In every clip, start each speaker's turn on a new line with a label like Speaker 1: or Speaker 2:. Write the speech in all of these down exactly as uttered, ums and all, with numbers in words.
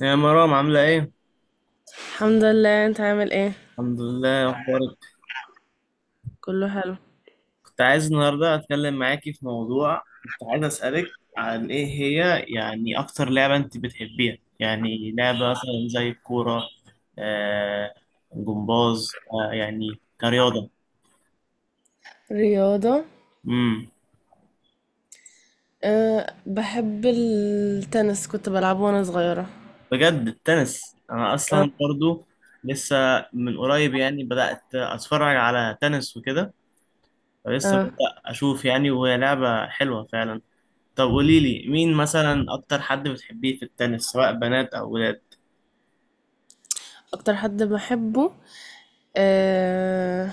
Speaker 1: يا مرام، عاملة ايه؟
Speaker 2: الحمد لله، انت عامل ايه؟
Speaker 1: الحمد لله. إيه اخبارك؟
Speaker 2: كله حلو.
Speaker 1: كنت عايز النهاردة اتكلم معاكي في موضوع. كنت عايز اسألك، عن ايه هي يعني اكتر لعبة انت بتحبيها، يعني لعبة مثلا زي الكورة. آه، جمباز، آه يعني كرياضة.
Speaker 2: رياضة.
Speaker 1: امم
Speaker 2: أه، بحب التنس، كنت بلعبه وانا صغيرة.
Speaker 1: بجد التنس انا
Speaker 2: أه.
Speaker 1: اصلا برضو لسه. من قريب يعني بدأت اتفرج على تنس وكده، فلسه
Speaker 2: أه.
Speaker 1: ببدأ اشوف يعني، وهي لعبة حلوة فعلا. طب قولي لي، مين مثلا اكتر حد بتحبيه في التنس، سواء بنات او ولاد؟
Speaker 2: اكتر حد بحبه، أه،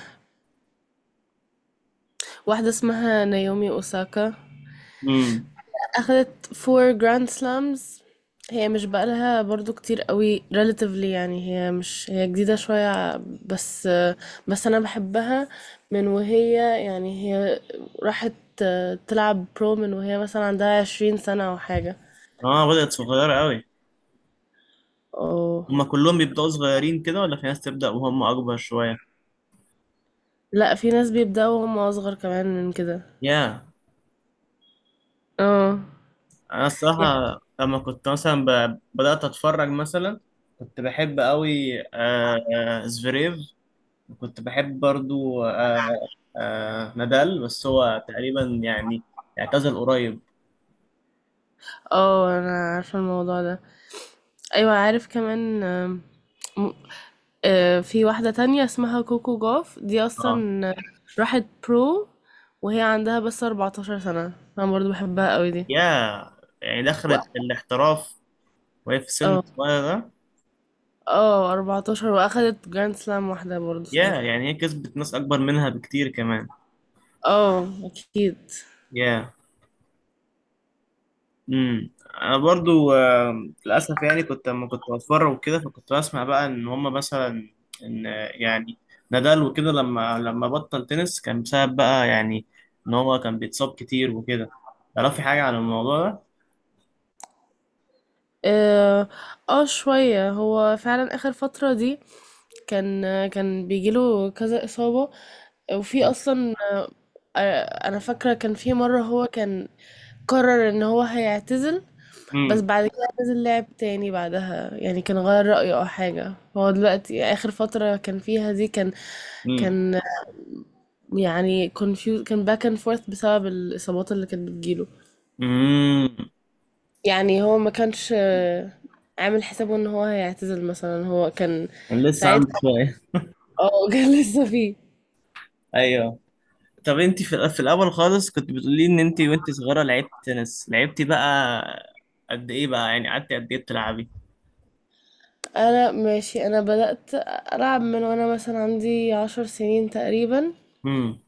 Speaker 2: واحدة اسمها نايومي اوساكا.
Speaker 1: امم
Speaker 2: أخدت four grand slams. هي مش بقالها برضو كتير قوي relatively، يعني هي مش هي جديدة شوية. بس بس أنا بحبها، من وهي، يعني هي راحت تلعب برو من وهي مثلا عندها عشرين سنة أو حاجة.
Speaker 1: اه، بدأت صغيرة قوي.
Speaker 2: اه.
Speaker 1: هما كلهم بيبدأوا صغيرين كده ولا في ناس تبدأ وهم اكبر شوية؟
Speaker 2: لا، في ناس بيبدأوا وهم أصغر كمان من كده.
Speaker 1: يا
Speaker 2: اه،
Speaker 1: انا
Speaker 2: يعني
Speaker 1: الصراحة لما كنت مثلا ب... بدأت اتفرج مثلا، كنت بحب قوي آه... آه، زفيريف. كنت بحب برضو آه... آه... نادال، بس هو تقريبا يعني اعتزل قريب.
Speaker 2: اه أنا عارفة الموضوع ده، أيوة عارف كمان. آم، آه، في واحدة تانية اسمها كوكو جاف، دي
Speaker 1: اه.
Speaker 2: أصلا راحت برو وهي عندها بس 14 سنة. أنا برضو بحبها قوي دي.
Speaker 1: يا يعني
Speaker 2: و-
Speaker 1: دخلت الاحتراف وهي في سن
Speaker 2: اه.
Speaker 1: صغير ده.
Speaker 2: اه، اربعتاشر وأخدت جراند سلام واحدة برضو
Speaker 1: يا
Speaker 2: ساعتها.
Speaker 1: يعني هي كسبت ناس اكبر منها بكتير كمان.
Speaker 2: اه أكيد.
Speaker 1: يا امم انا برضو آه، للاسف يعني، كنت لما كنت بتفرج وكده، فكنت بسمع بقى ان هم مثلا، ان آه، يعني نادال وكده لما لما بطل تنس كان بسبب بقى يعني ان هو كان بيتصاب كتير وكده. تعرفي حاجة عن الموضوع ده؟
Speaker 2: اه، آه، شوية. هو فعلا آخر فترة دي كان كان بيجيله كذا إصابة، وفي أصلا، آه، أنا فاكرة كان في مرة هو كان قرر إن هو هيعتزل. بس
Speaker 1: امم
Speaker 2: بعد كده نزل لعب تاني بعدها، يعني كان غير رأيه او حاجة. هو دلوقتي اخر فترة كان فيها دي كان،
Speaker 1: امم
Speaker 2: كان يعني confused، كان باك اند فورث بسبب الاصابات اللي كانت بتجيله.
Speaker 1: امم
Speaker 2: يعني هو ما كانش، آه، عامل حسابه ان هو هيعتزل مثلا، هو كان
Speaker 1: لسه عندي
Speaker 2: ساعتها.
Speaker 1: شوية.
Speaker 2: اه كان لسه فيه.
Speaker 1: ايوه. طب انت في في الاول خالص كنت بتقولي ان انت وانت صغيره لعبت تنس. لعبتي بقى قد ايه بقى، يعني قعدتي قد ايه بتلعبي؟
Speaker 2: انا ماشي، انا بدأت العب من وانا مثلا عندي عشر سنين تقريبا.
Speaker 1: امم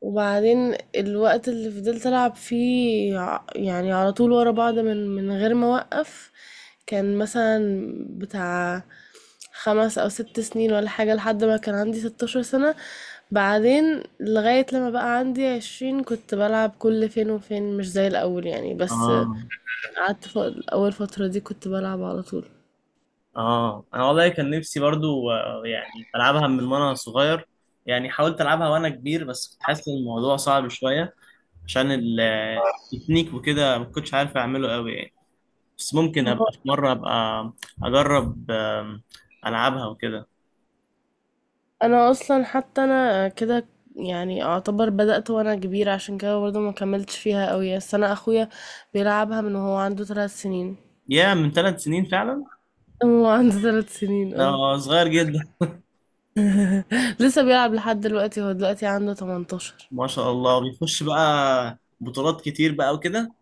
Speaker 2: وبعدين الوقت اللي فضلت ألعب فيه، ع- يعني على طول ورا بعض، من من غير ما أوقف، كان مثلا بتاع خمس أو ست سنين ولا حاجة، لحد ما كان عندي 16 سنة. بعدين لغاية لما بقى عندي عشرين كنت بلعب كل فين وفين مش زي الأول يعني. بس
Speaker 1: اه
Speaker 2: قعدت ف- أول فترة دي كنت بلعب على طول.
Speaker 1: اه انا والله كان نفسي برضو آه، يعني العبها من وانا صغير. يعني حاولت العبها وانا كبير بس كنت حاسس ان الموضوع صعب شويه، عشان ال- التكنيك وكده ما كنتش عارف اعمله قوي يعني. بس ممكن ابقى في مره ابقى اجرب آم، العبها وكده.
Speaker 2: انا اصلا حتى انا كده، يعني اعتبر بدأت وانا كبيرة، عشان كده برضه ما كملتش فيها قوي. بس انا اخويا بيلعبها من وهو عنده ثلاث سنين.
Speaker 1: يا من ثلاث سنين فعلا؟
Speaker 2: هو عنده ثلاث سنين، اه.
Speaker 1: ده صغير جدا.
Speaker 2: لسه بيلعب لحد دلوقتي، هو دلوقتي عنده تمنتاشر.
Speaker 1: ما شاء الله، بيخش بقى بطولات كتير بقى وكده.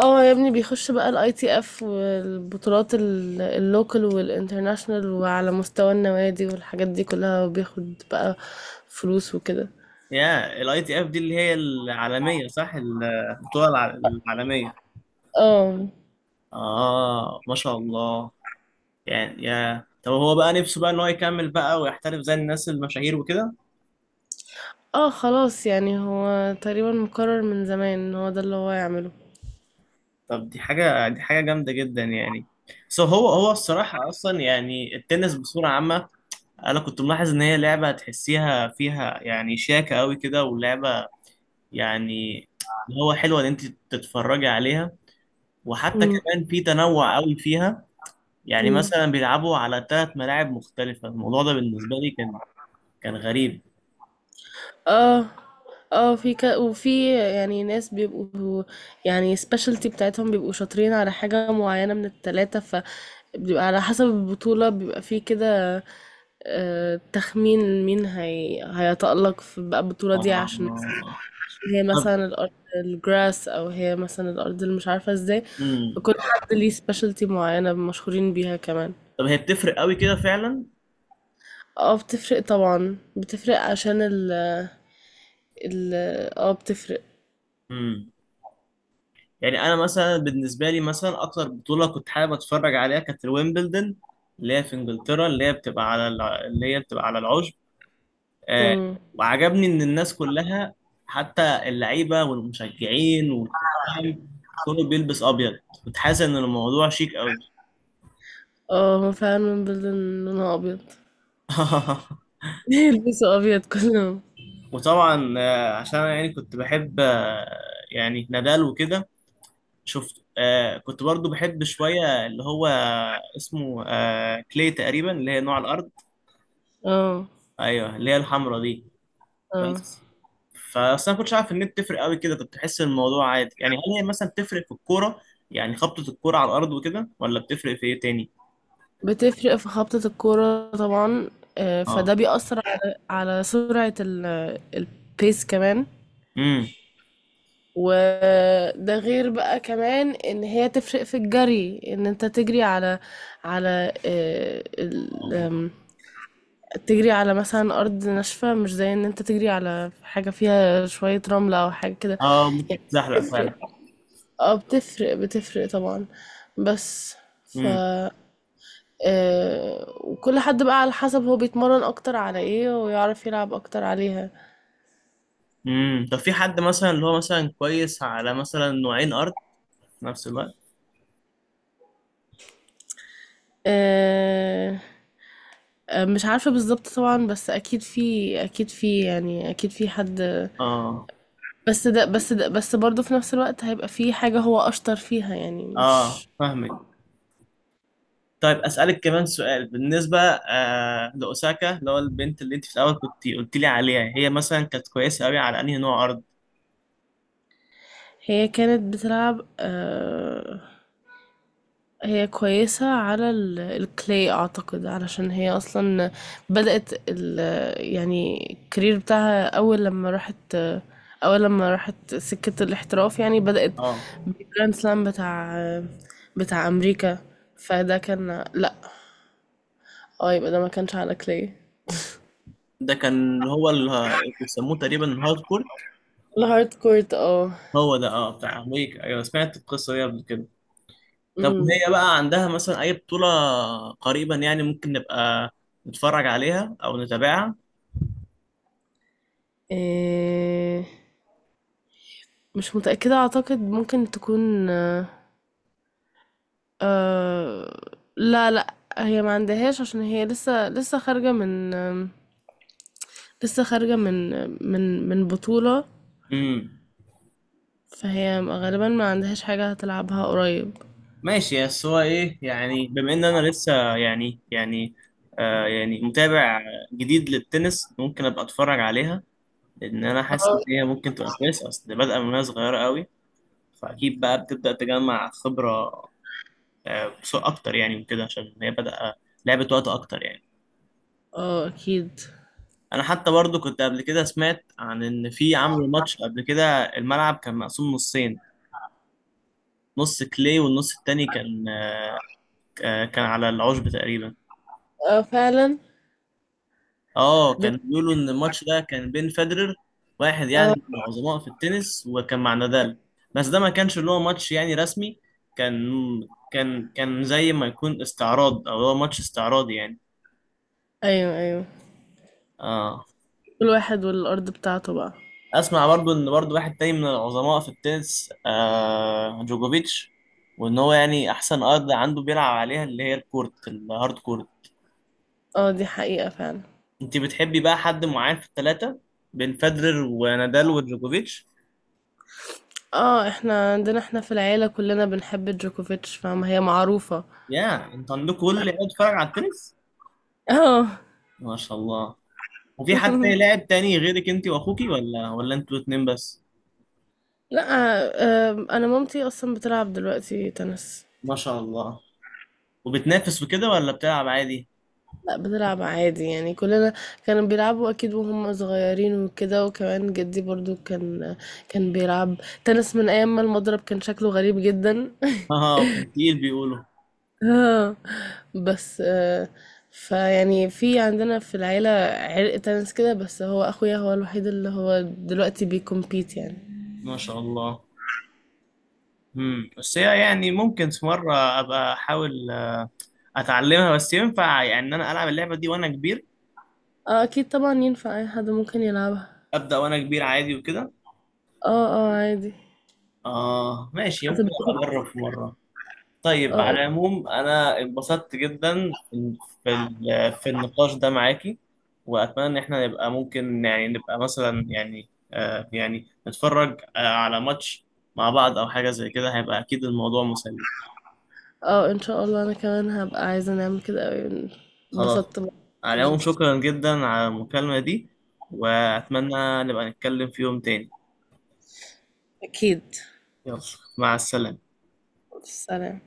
Speaker 2: اه، يا ابني بيخش بقى الاي تي اف والبطولات ال- اللوكال والانترناشنال، وعلى مستوى النوادي والحاجات دي كلها، وبياخد بقى فلوس وكده.
Speaker 1: يا الاي تي اف دي اللي هي العالمية، صح؟ البطولة الع- العالمية.
Speaker 2: اه.
Speaker 1: اه، ما شاء الله. يعني يا طب هو بقى نفسه بقى ان هو يكمل بقى ويحترف زي الناس المشاهير وكده؟
Speaker 2: اه خلاص، يعني هو تقريبا مقرر من زمان ان هو ده اللي هو يعمله.
Speaker 1: طب دي حاجة دي حاجة جامدة جدا يعني. سو هو هو الصراحة اصلا يعني التنس بصورة عامة، انا كنت ملاحظ ان هي لعبة تحسيها فيها يعني شياكة قوي كده، ولعبة يعني اللي هو حلوة ان انت تتفرجي عليها. وحتى
Speaker 2: إمم،
Speaker 1: كمان في تنوع قوي فيها. يعني
Speaker 2: إمم.
Speaker 1: مثلا بيلعبوا على ثلاث ملاعب مختلفة. الموضوع ده بالنسبة لي كان كان غريب.
Speaker 2: آه، آه، في ك وفي يعني ناس بيبقوا، يعني specialty بتاعتهم، بيبقوا شاطرين على حاجة معيّنة من ال3، فبيبقى على حسب البطولة بيبقى في كده، آآ، تخمين مين هي هيتألق في بقى البطولة دي، عشان
Speaker 1: آه.
Speaker 2: هي
Speaker 1: طب
Speaker 2: مثلًا الأرض الgrass، أو هي مثلًا الأرض اللي مش عارفة إزاي.
Speaker 1: مم.
Speaker 2: فكل حد ليه specialty معيّنة مشهورين بيها كمان.
Speaker 1: طب هي بتفرق قوي كده فعلا.
Speaker 2: آه، بتفرق طبعًا، بتفرق عشان ال ال آه، بتفرق.
Speaker 1: مم. يعني انا مثلا بالنسبة لي، مثلا اكتر بطولة كنت حابب اتفرج عليها كانت الويمبلدون، اللي هي في انجلترا، اللي هي بتبقى على الع... اللي هي بتبقى على العشب. آه.
Speaker 2: إمم.
Speaker 1: وعجبني ان الناس كلها، حتى اللعيبة والمشجعين والحكام، كله بيلبس ابيض. كنت حاسس ان الموضوع شيك قوي.
Speaker 2: آه، هو فعلًا Belden لونها أبيض. بيلبسوا أبيض كلّهم.
Speaker 1: وطبعا آه، عشان أنا يعني كنت بحب آه، يعني نادال وكده. شفت آه، كنت برضو بحب شوية اللي هو اسمه آه، كلي تقريبا، اللي هي نوع الأرض.
Speaker 2: آه،
Speaker 1: أيوه، اللي هي الحمرا دي.
Speaker 2: آه.
Speaker 1: بس، فأصل أنا كنتش عارف إن هي بتفرق قوي كده، كنت بحس إن الموضوع عادي يعني. هل هي مثلا بتفرق في الكورة، يعني خبطة الكورة على الأرض وكده، ولا بتفرق في إيه تاني؟
Speaker 2: بتفرق في خبطة الكورة طبعًا، آآ
Speaker 1: اه.
Speaker 2: فده بيأثّر على على سرعة ال الpace كمان.
Speaker 1: امم.
Speaker 2: وده غير بقى كمان إن هي تفرق في الجري، إن أنت تجري على على آآ ال
Speaker 1: اه.
Speaker 2: آمم، تجري على مثلًا أرض ناشفة، مش زي إن أنت تجري على حاجة فيها شوية رملة أو حاجة كده،
Speaker 1: آه،
Speaker 2: يعني
Speaker 1: بتزحلق فعلا.
Speaker 2: بتفرق. آه بتفرق، بتفرق طبعًا. بس ف آآ، وكل حد بقى على حسب هو بيتمرّن أكتر على إيه ويعرف يلعب أكتر عليها.
Speaker 1: امم، طب في حد مثلا اللي هو مثلا كويس على مثلا نوعين ارض في نفس الوقت؟
Speaker 2: آآ، مش عارفة بالضبط طبعًا. بس أكيد في أكيد في يعني أكيد في حد.
Speaker 1: اه.
Speaker 2: بس ده بس ده بس برضه في نفس الوقت هيبقى في حاجة هو أشطر فيها، يعني
Speaker 1: اه،
Speaker 2: مش.
Speaker 1: فاهمك. طيب اسالك كمان سؤال، بالنسبه آه لاوساكا، اللي هو البنت اللي انت في الاول كنت قلت لي عليها، هي مثلا كانت كويسه قوي على انهي نوع ارض؟
Speaker 2: هي كانت بتلعب، آآ هي كويسة على ال- الكلي اعتقد، علشان هي اصلا بدأت ال يعني الكارير بتاعها، اول لما راحت اول لما راحت سكة الاحتراف، يعني بدأت
Speaker 1: اه،
Speaker 2: بالجراند سلام بتاع بتاع امريكا. فده كان، لا، اه، يبقى ده ما كانش على كلي.
Speaker 1: ده كان اللي هو اللي بيسموه تقريبا الهارد كور.
Speaker 2: الهارد كورت، اه.
Speaker 1: هو ده، اه، بتاع ويك. ايوه، سمعت القصه دي قبل كده. طب
Speaker 2: امم.
Speaker 1: وهي بقى عندها مثلا اي بطوله قريبا يعني، ممكن نبقى نتفرج عليها او نتابعها؟
Speaker 2: إيه، مش متأكدة، اعتقد ممكن تكون، أه، لا لا، هي ما عندهاش، عشان هي لسه لسه خارجة من آم، لسه خارجة من من من بطولة.
Speaker 1: امم،
Speaker 2: فهي غالبا ما عندهاش حاجة هتلعبها قريب.
Speaker 1: ماشي. بس هو ايه يعني، بما ان انا لسه يعني يعني آه يعني متابع جديد للتنس، ممكن ابقى اتفرج عليها، لان انا حاسس
Speaker 2: اه.
Speaker 1: ان هي ممكن تبقى كويسه، اصل بادئه من وهي صغيره قوي. فاكيد بقى بتبدا تجمع خبره، آه بسوق اكتر يعني وكده، عشان هي بدأ لعبه وقت اكتر يعني.
Speaker 2: اه اكيد.
Speaker 1: انا حتى برضو كنت قبل كده سمعت عن ان في عملوا ماتش قبل كده، الملعب كان مقسوم نصين، نص كلي والنص التاني كان آه كان على العشب تقريبا.
Speaker 2: اه فعلا.
Speaker 1: اه،
Speaker 2: ده.
Speaker 1: كان بيقولوا ان الماتش ده كان بين فederer، واحد
Speaker 2: اه.
Speaker 1: يعني من العظماء في التنس، وكان مع نادال. بس ده ما كانش اللي هو ماتش يعني رسمي، كان كان كان زي ما يكون استعراض، او هو ماتش استعراضي يعني.
Speaker 2: ايوه، ايوه،
Speaker 1: اه.
Speaker 2: كل واحد والارض بتاعته بقى.
Speaker 1: اسمع برضو ان برضو واحد تاني من العظماء في التنس، آه جوجوفيتش، وان هو يعني احسن ارض عنده بيلعب عليها اللي هي الكورت، الهارد كورت.
Speaker 2: اه دي حقيقة فعلا.
Speaker 1: انت بتحبي بقى حد معين في الثلاثة، بين فederer ونادال وجوجوفيتش؟
Speaker 2: اه، احنا عندنا، احنا في العيلة كلنا بنحب جوكوفيتش، فاهمة، هي معروفة.
Speaker 1: يا انت عندك كل اللي بيتفرج على التنس،
Speaker 2: اه.
Speaker 1: ما شاء الله. وفي حد تاني، لاعب تاني غيرك انت واخوكي، ولا ولا انتوا اتنين بس؟
Speaker 2: لا، آه آه، انا مامتي اصلا بتلعب دلوقتي تنس.
Speaker 1: ما شاء الله. وبتنافس وكده ولا بتلعب عادي؟
Speaker 2: لأ بتلعب عادي يعني، كلنا كانوا بيلعبوا أكيد وهم صغيرين وكده، وكمان جدي برضو كان، كان بيلعب تنس من أيام ما المضرب كان شكله غريب جدا.
Speaker 1: اه، كنت تقيل بيقولوا.
Speaker 2: اه، بس آه، فيعني في عندنا في العيلة عرق تنس كده. بس هو أخويا هو الوحيد اللي هو دلوقتي بيكمبيت يعني.
Speaker 1: ما شاء الله. امم بس هي يعني ممكن في مره ابقى احاول آه، اتعلمها. بس ينفع يعني ان انا العب اللعبه دي وانا كبير،
Speaker 2: اه أكيد طبعا ينفع، أي حد ممكن يلعبها.
Speaker 1: ابدا وانا كبير عادي وكده؟
Speaker 2: اه، اه عادي.
Speaker 1: اه ماشي،
Speaker 2: أنت
Speaker 1: ممكن
Speaker 2: بتاخد-
Speaker 1: ابقى اجرب في مره. طيب
Speaker 2: اه.
Speaker 1: على العموم انا انبسطت جدا في ال- في النقاش ده معاكي. واتمنى ان احنا نبقى ممكن يعني نبقى مثلا يعني آه يعني نتفرج آه على ماتش مع بعض او حاجة زي كده، هيبقى اكيد الموضوع مسلي.
Speaker 2: اه ان شاء الله، انا كمان هبقى عايزة نعمل كده اوي.
Speaker 1: خلاص.
Speaker 2: انبسطت بقى.
Speaker 1: على العموم شكرا جدا على المكالمة دي، واتمنى نبقى نتكلم في يوم تاني.
Speaker 2: اكيد.
Speaker 1: يلا، مع السلامة.
Speaker 2: سلام.